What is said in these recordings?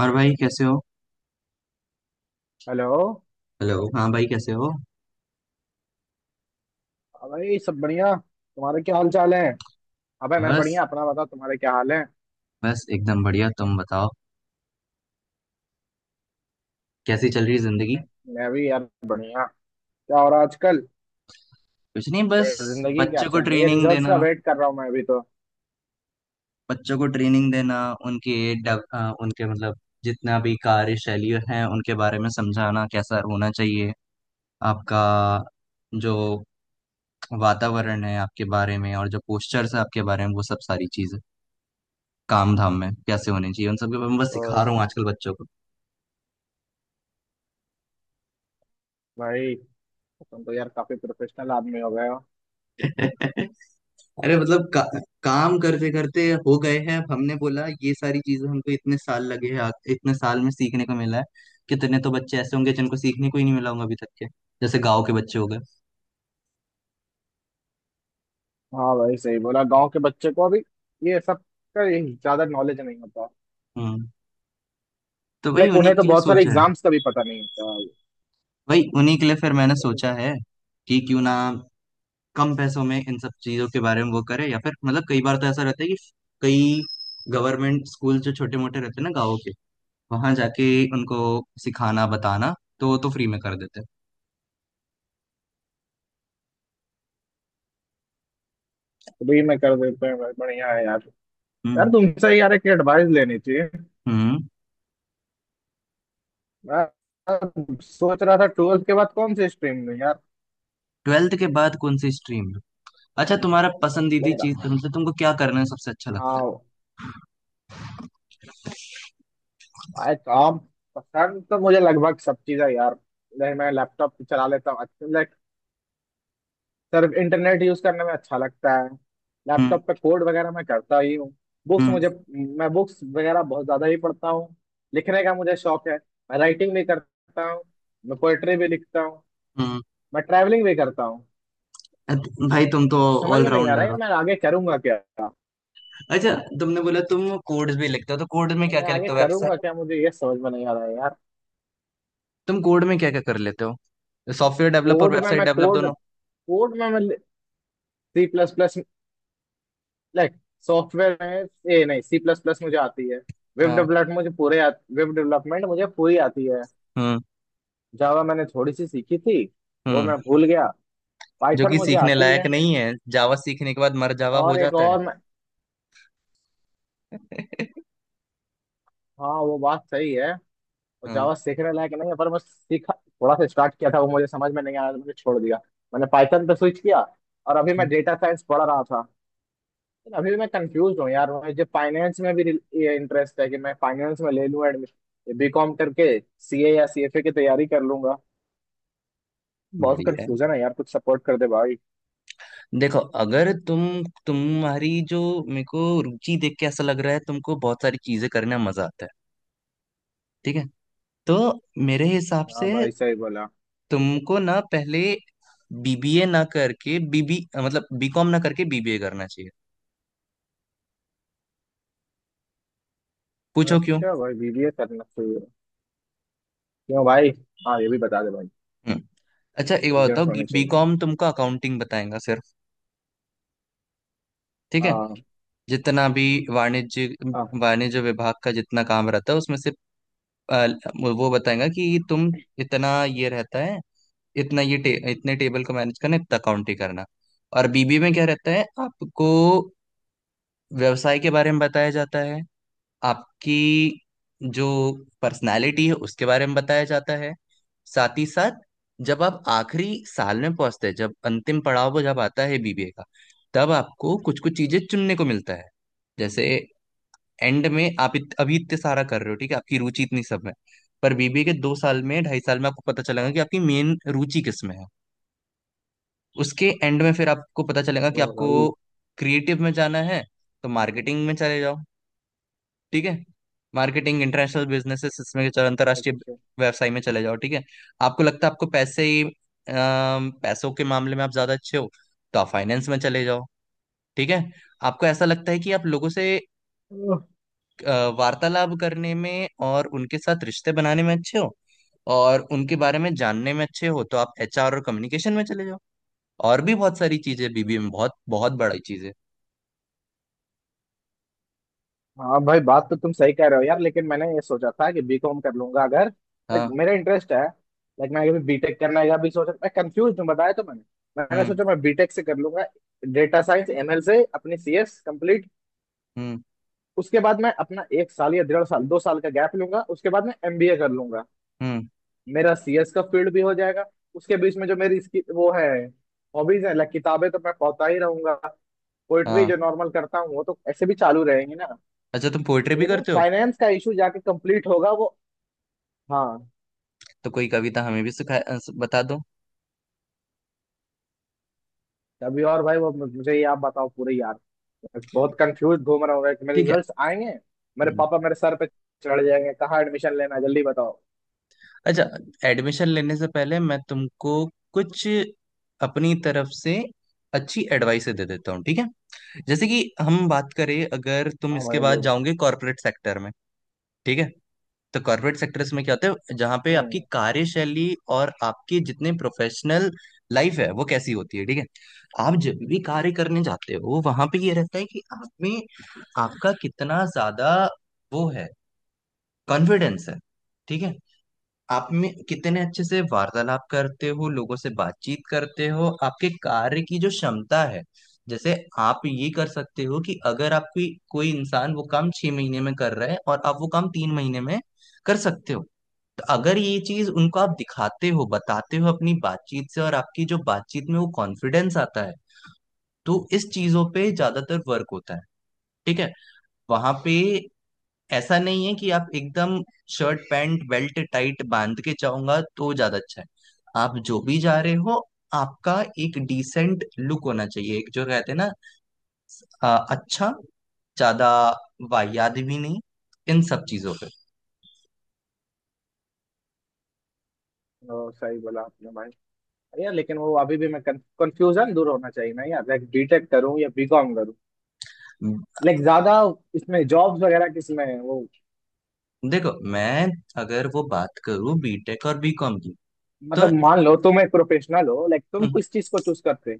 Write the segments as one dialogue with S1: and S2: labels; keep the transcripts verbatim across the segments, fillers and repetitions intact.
S1: और भाई कैसे हो।
S2: हेलो।
S1: हेलो। हाँ भाई कैसे हो।
S2: हाँ भाई, सब बढ़िया। तुम्हारे क्या हाल चाल है? अबे मैं
S1: बस
S2: बढ़िया। अपना बता, तुम्हारे क्या हाल है?
S1: बस एकदम बढ़िया, तुम बताओ। कैसी चल रही है जिंदगी।
S2: मैं भी यार, बढ़िया। क्या हो रहा है आजकल?
S1: कुछ नहीं, बस।
S2: अरे जिंदगी क्या
S1: बच्चों को
S2: चल रही है,
S1: ट्रेनिंग
S2: रिजल्ट से
S1: देना
S2: अवेट कर रहा हूँ मैं अभी तो।
S1: बच्चों को ट्रेनिंग देना उनके डेव- अ, उनके मतलब जितना भी कार्यशैली है उनके बारे में समझाना कैसा होना चाहिए, आपका जो वातावरण है आपके बारे में, और जो पोस्चर्स है आपके बारे में, वो सब सारी चीजें काम धाम में कैसे होने चाहिए, उन सब के बारे में बस
S2: तो
S1: सिखा रहा हूँ आजकल बच्चों को।
S2: भाई, तुम तो यार काफी प्रोफेशनल आदमी हो गए हो।
S1: अरे मतलब का, काम करते करते हो गए हैं। अब हमने बोला ये सारी चीजें हमको इतने साल लगे हैं, आ- इतने साल में सीखने को मिला है। कितने तो बच्चे ऐसे होंगे जिनको सीखने को ही नहीं मिला होगा अभी तक के, जैसे गांव के बच्चे हो गए।
S2: हाँ भाई, सही बोला। गांव के बच्चे को अभी ये सब का ये ज्यादा नॉलेज नहीं होता।
S1: हम्म। तो वही
S2: लाइक
S1: उन्हीं
S2: उन्हें तो
S1: के लिए
S2: बहुत सारे
S1: सोचा है।
S2: एग्जाम्स का भी पता नहीं होता।
S1: वही उन्हीं के लिए फिर मैंने
S2: तो, तो,
S1: सोचा है कि क्यों ना कम पैसों में इन सब चीजों के बारे में वो करे, या फिर मतलब कई बार तो ऐसा रहता है कि कई गवर्नमेंट स्कूल जो छोटे मोटे रहते हैं ना गाँव के, वहां जाके उनको सिखाना बताना, तो वो तो फ्री में कर देते हैं।
S2: तो भी मैं कर देते हैं भाई, बढ़िया है यार।
S1: हम्म।
S2: यार तुमसे यार एक एडवाइस लेनी थी।
S1: हम्म।
S2: मैं मैं सोच रहा था ट्वेल्थ के बाद कौन से स्ट्रीम में यार।
S1: ट्वेल्थ के बाद कौन सी स्ट्रीम है? अच्छा, तुम्हारा पसंदीदा
S2: लेगा।
S1: चीज तुमसे तुमको क्या करना है, सबसे अच्छा लगता है?
S2: हाँ। आई काम। पसंद तो मुझे लगभग सब चीज़ है यार। नहीं, मैं लैपटॉप पे चला लेता हूँ अच्छा, लाइक सिर्फ इंटरनेट यूज करने में अच्छा लगता है।
S1: हम्म।
S2: लैपटॉप पे कोड वगैरह मैं करता ही हूँ। बुक्स
S1: हम्म।
S2: मुझे मैं बुक्स वगैरह बहुत ज्यादा ही पढ़ता हूँ। लिखने का मुझे शौक है। मैं राइटिंग भी करता हूँ। मैं पोएट्री भी लिखता हूँ।
S1: हम्म।
S2: मैं ट्रैवलिंग भी करता हूँ।
S1: अत- भाई तुम तो
S2: समझ में नहीं आ रहा
S1: ऑलराउंडर
S2: है
S1: हो।
S2: मैं आगे करूंगा क्या।
S1: अच्छा, तुमने बोला तुम कोड्स भी लिखते हो, तो कोड में क्या
S2: मैं
S1: क्या
S2: आगे
S1: लिखते हो,
S2: करूंगा
S1: वेबसाइट?
S2: क्या, मुझे ये समझ में नहीं आ रहा है यार।
S1: तुम कोड में क्या क्या कर लेते हो, सॉफ्टवेयर डेवलप और
S2: कोड में
S1: वेबसाइट
S2: मैं
S1: डेवलप दोनों?
S2: कोड कोड में मैं C plus plus, like software में ए, नहीं, सी प्लस प्लस मुझे आती है। वेब
S1: हाँ।
S2: डेवलपमेंट मुझे पूरे वेब डेवलपमेंट मुझे पूरी आती है।
S1: हम्म।
S2: जावा मैंने थोड़ी सी सीखी थी, वो
S1: हम्म।
S2: मैं भूल गया।
S1: जो
S2: पाइथन
S1: कि
S2: मुझे
S1: सीखने
S2: आती
S1: लायक
S2: है।
S1: नहीं है, जावा सीखने के बाद मर जावा हो
S2: और एक
S1: जाता है।
S2: और मैं। हाँ, वो बात सही है। और
S1: हाँ,
S2: जावा सीखने लायक नहीं है पर मैं सीखा, थोड़ा सा स्टार्ट किया था। वो मुझे समझ में नहीं आया तो मैंने छोड़ दिया। मैंने पाइथन पे स्विच किया। और अभी मैं डेटा साइंस पढ़ रहा था। अभी मैं कंफ्यूज हूँ यार, मुझे फाइनेंस में भी ये इंटरेस्ट है कि मैं फाइनेंस में ले लूँ एडमिशन, बी कॉम करके सी ए या सी एफ ए की तैयारी कर लूंगा। बहुत
S1: बढ़िया है।
S2: कंफ्यूजन है यार, कुछ सपोर्ट कर दे भाई।
S1: देखो, अगर तुम तुम्हारी जो, मेरे को रुचि देख के ऐसा लग रहा है तुमको बहुत सारी चीजें करने में मजा आता है, ठीक है, तो मेरे हिसाब
S2: हाँ
S1: से
S2: भाई, सही बोला।
S1: तुमको ना पहले बीबीए, ना करके बीबी मतलब बीकॉम ना करके बीबीए करना चाहिए। पूछो क्यों।
S2: अच्छा भाई, बी बी ए करना चाहिए? क्यों भाई? हाँ, ये भी बता दे भाई।
S1: हम्म। अच्छा, एक बात
S2: रीजन
S1: बताओ,
S2: होने चाहिए।
S1: बीकॉम तुमको अकाउंटिंग बताएगा सिर्फ, ठीक है,
S2: हाँ,
S1: जितना भी वाणिज्य
S2: हाँ,
S1: वाणिज्य विभाग का जितना काम रहता है उसमें से, अ, वो बताएगा कि तुम इतना ये रहता है, इतना ये टे, इतने टेबल को मैनेज करना, इतना अकाउंट ही करना। और बीबी में क्या रहता है आपको? व्यवसाय के बारे में बताया जाता है, आपकी जो पर्सनालिटी है उसके बारे में बताया जाता है। साथ ही साथ जब आप आखिरी साल में पहुंचते हैं, जब अंतिम पड़ाव वो जब आता है बीबीए का, तब आपको कुछ कुछ चीजें चुनने को मिलता है। जैसे एंड में आप इत, अभी इतने सारा कर रहे हो, ठीक है, आपकी रुचि इतनी सब में। पर बीबीए के दो साल में, ढाई साल में आपको पता चलेगा कि
S2: हाँ।
S1: आपकी मेन रुचि किस में है। उसके एंड में फिर आपको पता चलेगा कि
S2: ओ
S1: आपको
S2: भाई।
S1: क्रिएटिव में जाना है, तो मार्केटिंग में चले जाओ, ठीक है। मार्केटिंग, इंटरनेशनल बिजनेसेस, इसमें चलो अंतर्राष्ट्रीय
S2: अच्छा।
S1: व्यवसाय में चले जाओ, ठीक है। आपको लगता है आपको पैसे ही अम, पैसों के मामले में आप ज्यादा अच्छे हो, तो आप फाइनेंस में चले जाओ, ठीक है। आपको ऐसा लगता है कि आप लोगों से अ, वार्तालाप करने में और उनके साथ रिश्ते बनाने में अच्छे हो, और उनके बारे में जानने में अच्छे हो, तो आप एचआर और कम्युनिकेशन में चले जाओ। और भी बहुत सारी चीजें बीबीए में, बहुत बहुत बड़ी चीजें।
S2: हाँ भाई, बात तो तुम सही कह रहे हो यार, लेकिन मैंने ये सोचा था कि बी कॉम कर लूंगा अगर लाइक
S1: हाँ।
S2: मेरा इंटरेस्ट है। लाइक मैंने कभी बी टेक करने का भी सोचा। मैं कंफ्यूज हूँ, बताया तो मैंने। मैंने
S1: हम्म।
S2: सोचा मैं बी टेक से कर लूंगा, डेटा साइंस एम एल से अपनी सी एस कंप्लीट।
S1: हम्म।
S2: उसके बाद मैं अपना एक साल या डेढ़ साल, दो साल का गैप लूंगा, उसके बाद मैं एम बी ए कर लूंगा।
S1: हम्म।
S2: मेरा सी एस का फील्ड भी हो जाएगा। उसके बीच में जो मेरी इसकी वो है, हॉबीज है, लाइक किताबें तो मैं पढ़ता ही रहूंगा। पोइट्री
S1: हाँ।
S2: जो नॉर्मल करता हूँ वो तो ऐसे भी चालू रहेंगी ना।
S1: अच्छा, तुम पोइट्री भी
S2: यू नो
S1: करते हो?
S2: फाइनेंस का इशू जाके कंप्लीट होगा वो। हाँ।
S1: तो कोई कविता हमें भी सिखा अ, स- बता दो।
S2: अभी और भाई वो मुझे ये आप बताओ पूरे यार। बहुत कंफ्यूज घूम रहा हूँ मैं कि मेरे
S1: ठीक है।
S2: रिजल्ट्स आएंगे, मेरे
S1: हम्म।
S2: पापा मेरे सर पे चढ़ जाएंगे, कहाँ एडमिशन लेना है जल्दी बताओ।
S1: अच्छा, एडमिशन लेने से पहले मैं तुमको कुछ अपनी तरफ से अच्छी एडवाइस दे देता हूँ, ठीक है। जैसे कि हम बात करें, अगर तुम
S2: हाँ
S1: इसके
S2: भाई,
S1: बाद
S2: बिल्कुल।
S1: जाओगे कॉर्पोरेट सेक्टर में, ठीक है, तो कॉर्पोरेट सेक्टर्स में क्या होता है, जहाँ पे आपकी
S2: हम्म।
S1: कार्यशैली और आपकी जितने प्रोफेशनल लाइफ है वो कैसी होती है, ठीक है। आप जब भी कार्य करने जाते हो, वहां पे ये रहता है कि आप में आपका कितना ज्यादा वो है, कॉन्फिडेंस है, ठीक है, आप में कितने अच्छे से वार्तालाप करते हो लोगों से, बातचीत करते हो, आपके कार्य की जो क्षमता है। जैसे आप ये कर सकते हो कि अगर आप, कोई कोई इंसान वो काम छह महीने में कर रहा है और आप वो काम तीन महीने में कर सकते हो, तो अगर ये चीज उनको आप दिखाते हो, बताते हो अपनी बातचीत से, और आपकी जो बातचीत में वो कॉन्फिडेंस आता है, तो इस चीजों पे ज्यादातर वर्क होता है, ठीक है। वहां पे ऐसा नहीं है कि आप एकदम शर्ट पैंट बेल्ट टाइट बांध के जाऊंगा तो ज्यादा अच्छा है, आप जो भी जा रहे हो, आपका एक डिसेंट लुक होना चाहिए, एक जो कहते हैं ना अ, अच्छा, ज्यादा वाहियात भी नहीं, इन सब चीजों पे।
S2: ओ, सही बोला आपने भाई। अरे यार, लेकिन वो अभी भी मैं कंफ्यूजन दूर होना चाहिए ना यार, लाइक बी टेक करूँ या बी कॉम करूँ? लाइक ज्यादा इसमें जॉब्स वगैरह किसमें है? वो
S1: देखो, मैं अगर वो बात करूं बीटेक और बीकॉम की, तो
S2: मतलब मान लो तुम एक प्रोफेशनल हो, लाइक तुम
S1: हम्म,
S2: किस चीज को चूज करते?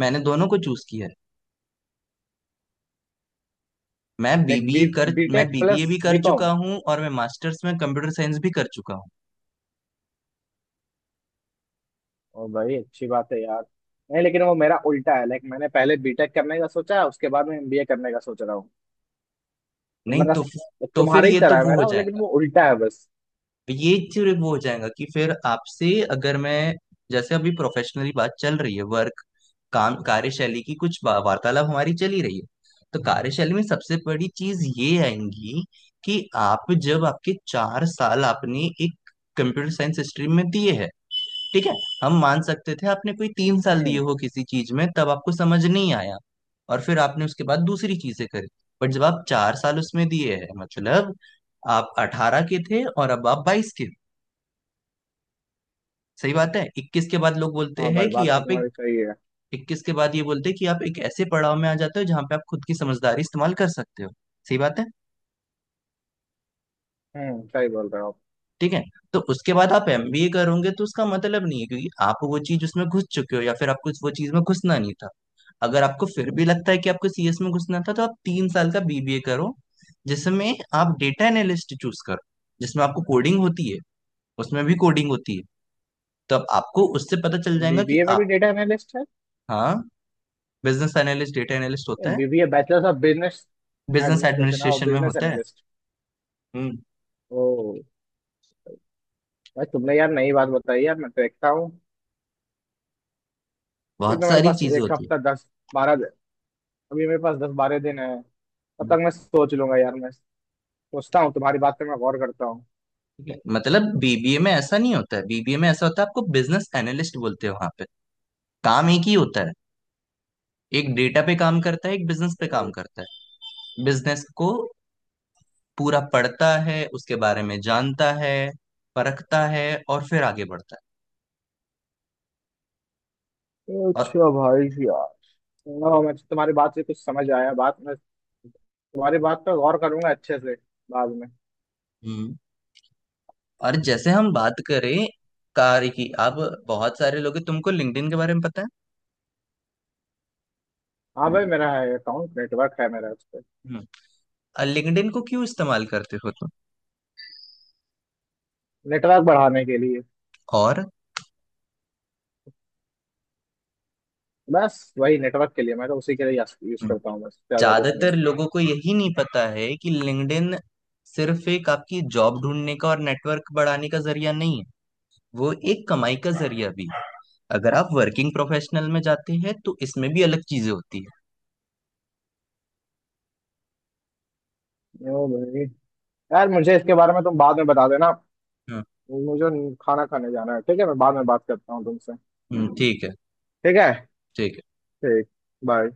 S1: मैंने दोनों को चूज किया है। मैं
S2: लाइक
S1: बीबीए
S2: बी
S1: कर मैं
S2: बीटेक
S1: बीबीए
S2: प्लस
S1: भी कर
S2: बी कॉम।
S1: चुका हूँ और मैं मास्टर्स में कंप्यूटर साइंस भी कर चुका हूँ।
S2: और भाई, अच्छी बात है यार। नहीं, लेकिन वो मेरा उल्टा है, लाइक मैंने पहले बी टेक करने का सोचा उसके बाद में एम बी ए करने का सोच रहा हूँ। तो
S1: नहीं
S2: मेरा
S1: तो तो फिर
S2: तुम्हारे ही
S1: ये तो
S2: तरह है
S1: वो हो
S2: मेरा, लेकिन
S1: जाएगा।
S2: वो उल्टा है बस।
S1: तो ये फिर वो हो जाएगा कि फिर आपसे अगर मैं, जैसे अभी प्रोफेशनली बात चल रही है वर्क, काम कार्यशैली की कुछ बा- वार्तालाप हमारी चली रही है, तो कार्यशैली में सबसे बड़ी चीज ये आएंगी कि आप जब आपके चार साल आपने एक कंप्यूटर साइंस स्ट्रीम में दिए हैं, ठीक है, हम मान सकते थे आपने कोई तीन साल दिए
S2: हम्म।
S1: हो किसी चीज में तब आपको समझ नहीं आया, और फिर आपने उसके बाद दूसरी चीजें करी। बट जब आप चार साल उसमें दिए हैं मतलब आप अठारह के थे और अब आप बाईस के, सही बात है। इक्कीस के बाद लोग बोलते
S2: हाँ
S1: हैं
S2: भाई,
S1: कि
S2: बात तो
S1: आप एक,
S2: तुम्हारी सही है।
S1: इक्कीस के बाद ये बोलते हैं कि आप एक ऐसे पड़ाव में आ जाते हो जहां पे आप खुद की समझदारी इस्तेमाल कर सकते हो, सही बात है,
S2: हम्म, सही बोल रहे हो।
S1: ठीक है। तो उसके बाद आप एमबीए करोगे तो उसका मतलब नहीं है, क्योंकि आप वो चीज उसमें घुस चुके हो या फिर आपको वो चीज में घुसना नहीं था। अगर आपको फिर भी लगता है कि आपको सीएस में घुसना था, तो आप तीन साल का बीबीए करो, जिसमें आप डेटा एनालिस्ट चूज करो, जिसमें आपको कोडिंग होती है, उसमें भी कोडिंग होती है, तो अब आपको उससे पता चल
S2: और
S1: जाएगा कि
S2: बी बी ए में भी
S1: आप।
S2: डेटा एनालिस्ट है?
S1: हाँ। बिजनेस एनालिस्ट, डेटा एनालिस्ट होता है।
S2: BBA, bachelors of business
S1: business
S2: administration और
S1: एडमिनिस्ट्रेशन में
S2: बिजनेस
S1: होता है।
S2: एनालिस्ट।
S1: हम्म।
S2: ओ भाई, तुमने यार नई बात बताई यार, मैं तो देखता हूँ। अभी
S1: बहुत
S2: तो मेरे
S1: सारी
S2: पास
S1: चीजें
S2: एक
S1: होती है।
S2: हफ्ता, दस बारह दिन। अभी मेरे पास दस बारह दिन है। तब
S1: हम्म।
S2: तक मैं सोच लूंगा यार, मैं सोचता हूँ, तुम्हारी बात पे मैं गौर करता हूँ।
S1: ठीक है, मतलब बीबीए में ऐसा नहीं होता है, बीबीए में ऐसा होता है आपको बिजनेस एनालिस्ट बोलते हो, वहां पे काम एक ही होता है, एक डेटा पे काम करता है, एक बिजनेस पे काम
S2: ओके।
S1: करता है, बिजनेस को पूरा पढ़ता है, उसके बारे में जानता है, परखता है, और फिर आगे बढ़ता है। और
S2: अच्छा भाई यार। हाँ, मैं तो तुम्हारी बात से कुछ समझ आया, बात मैं तुम्हारी बात पर गौर करूंगा अच्छे से बाद में।
S1: हम्म, और जैसे हम बात करें कार्य की अब, बहुत सारे लोग हैं, तुमको लिंक्डइन के बारे में पता है?
S2: हाँ भाई, मेरा है अकाउंट, नेटवर्क है मेरा उस पर।
S1: हम्म। लिंक्डइन को क्यों इस्तेमाल करते हो तुम?
S2: नेटवर्क बढ़ाने के लिए।
S1: और
S2: बस वही नेटवर्क के लिए मैं तो उसी के लिए यूज
S1: हम्म,
S2: करता हूँ, बस ज्यादा कुछ नहीं।
S1: ज्यादातर लोगों को यही नहीं पता है कि लिंक्डइन सिर्फ एक आपकी जॉब ढूंढने का और नेटवर्क बढ़ाने का जरिया नहीं है, वो एक कमाई का जरिया भी है, अगर आप वर्किंग प्रोफेशनल में जाते हैं तो इसमें भी अलग चीजें होती
S2: ओ भाई, यार मुझे इसके बारे में तुम बाद में बता देना।
S1: है।
S2: मुझे खाना खाने जाना है, ठीक है मैं बाद में बात करता हूँ तुमसे।
S1: हम्म। ठीक है।
S2: ठीक है।
S1: ठीक है।
S2: ठीक। बाय।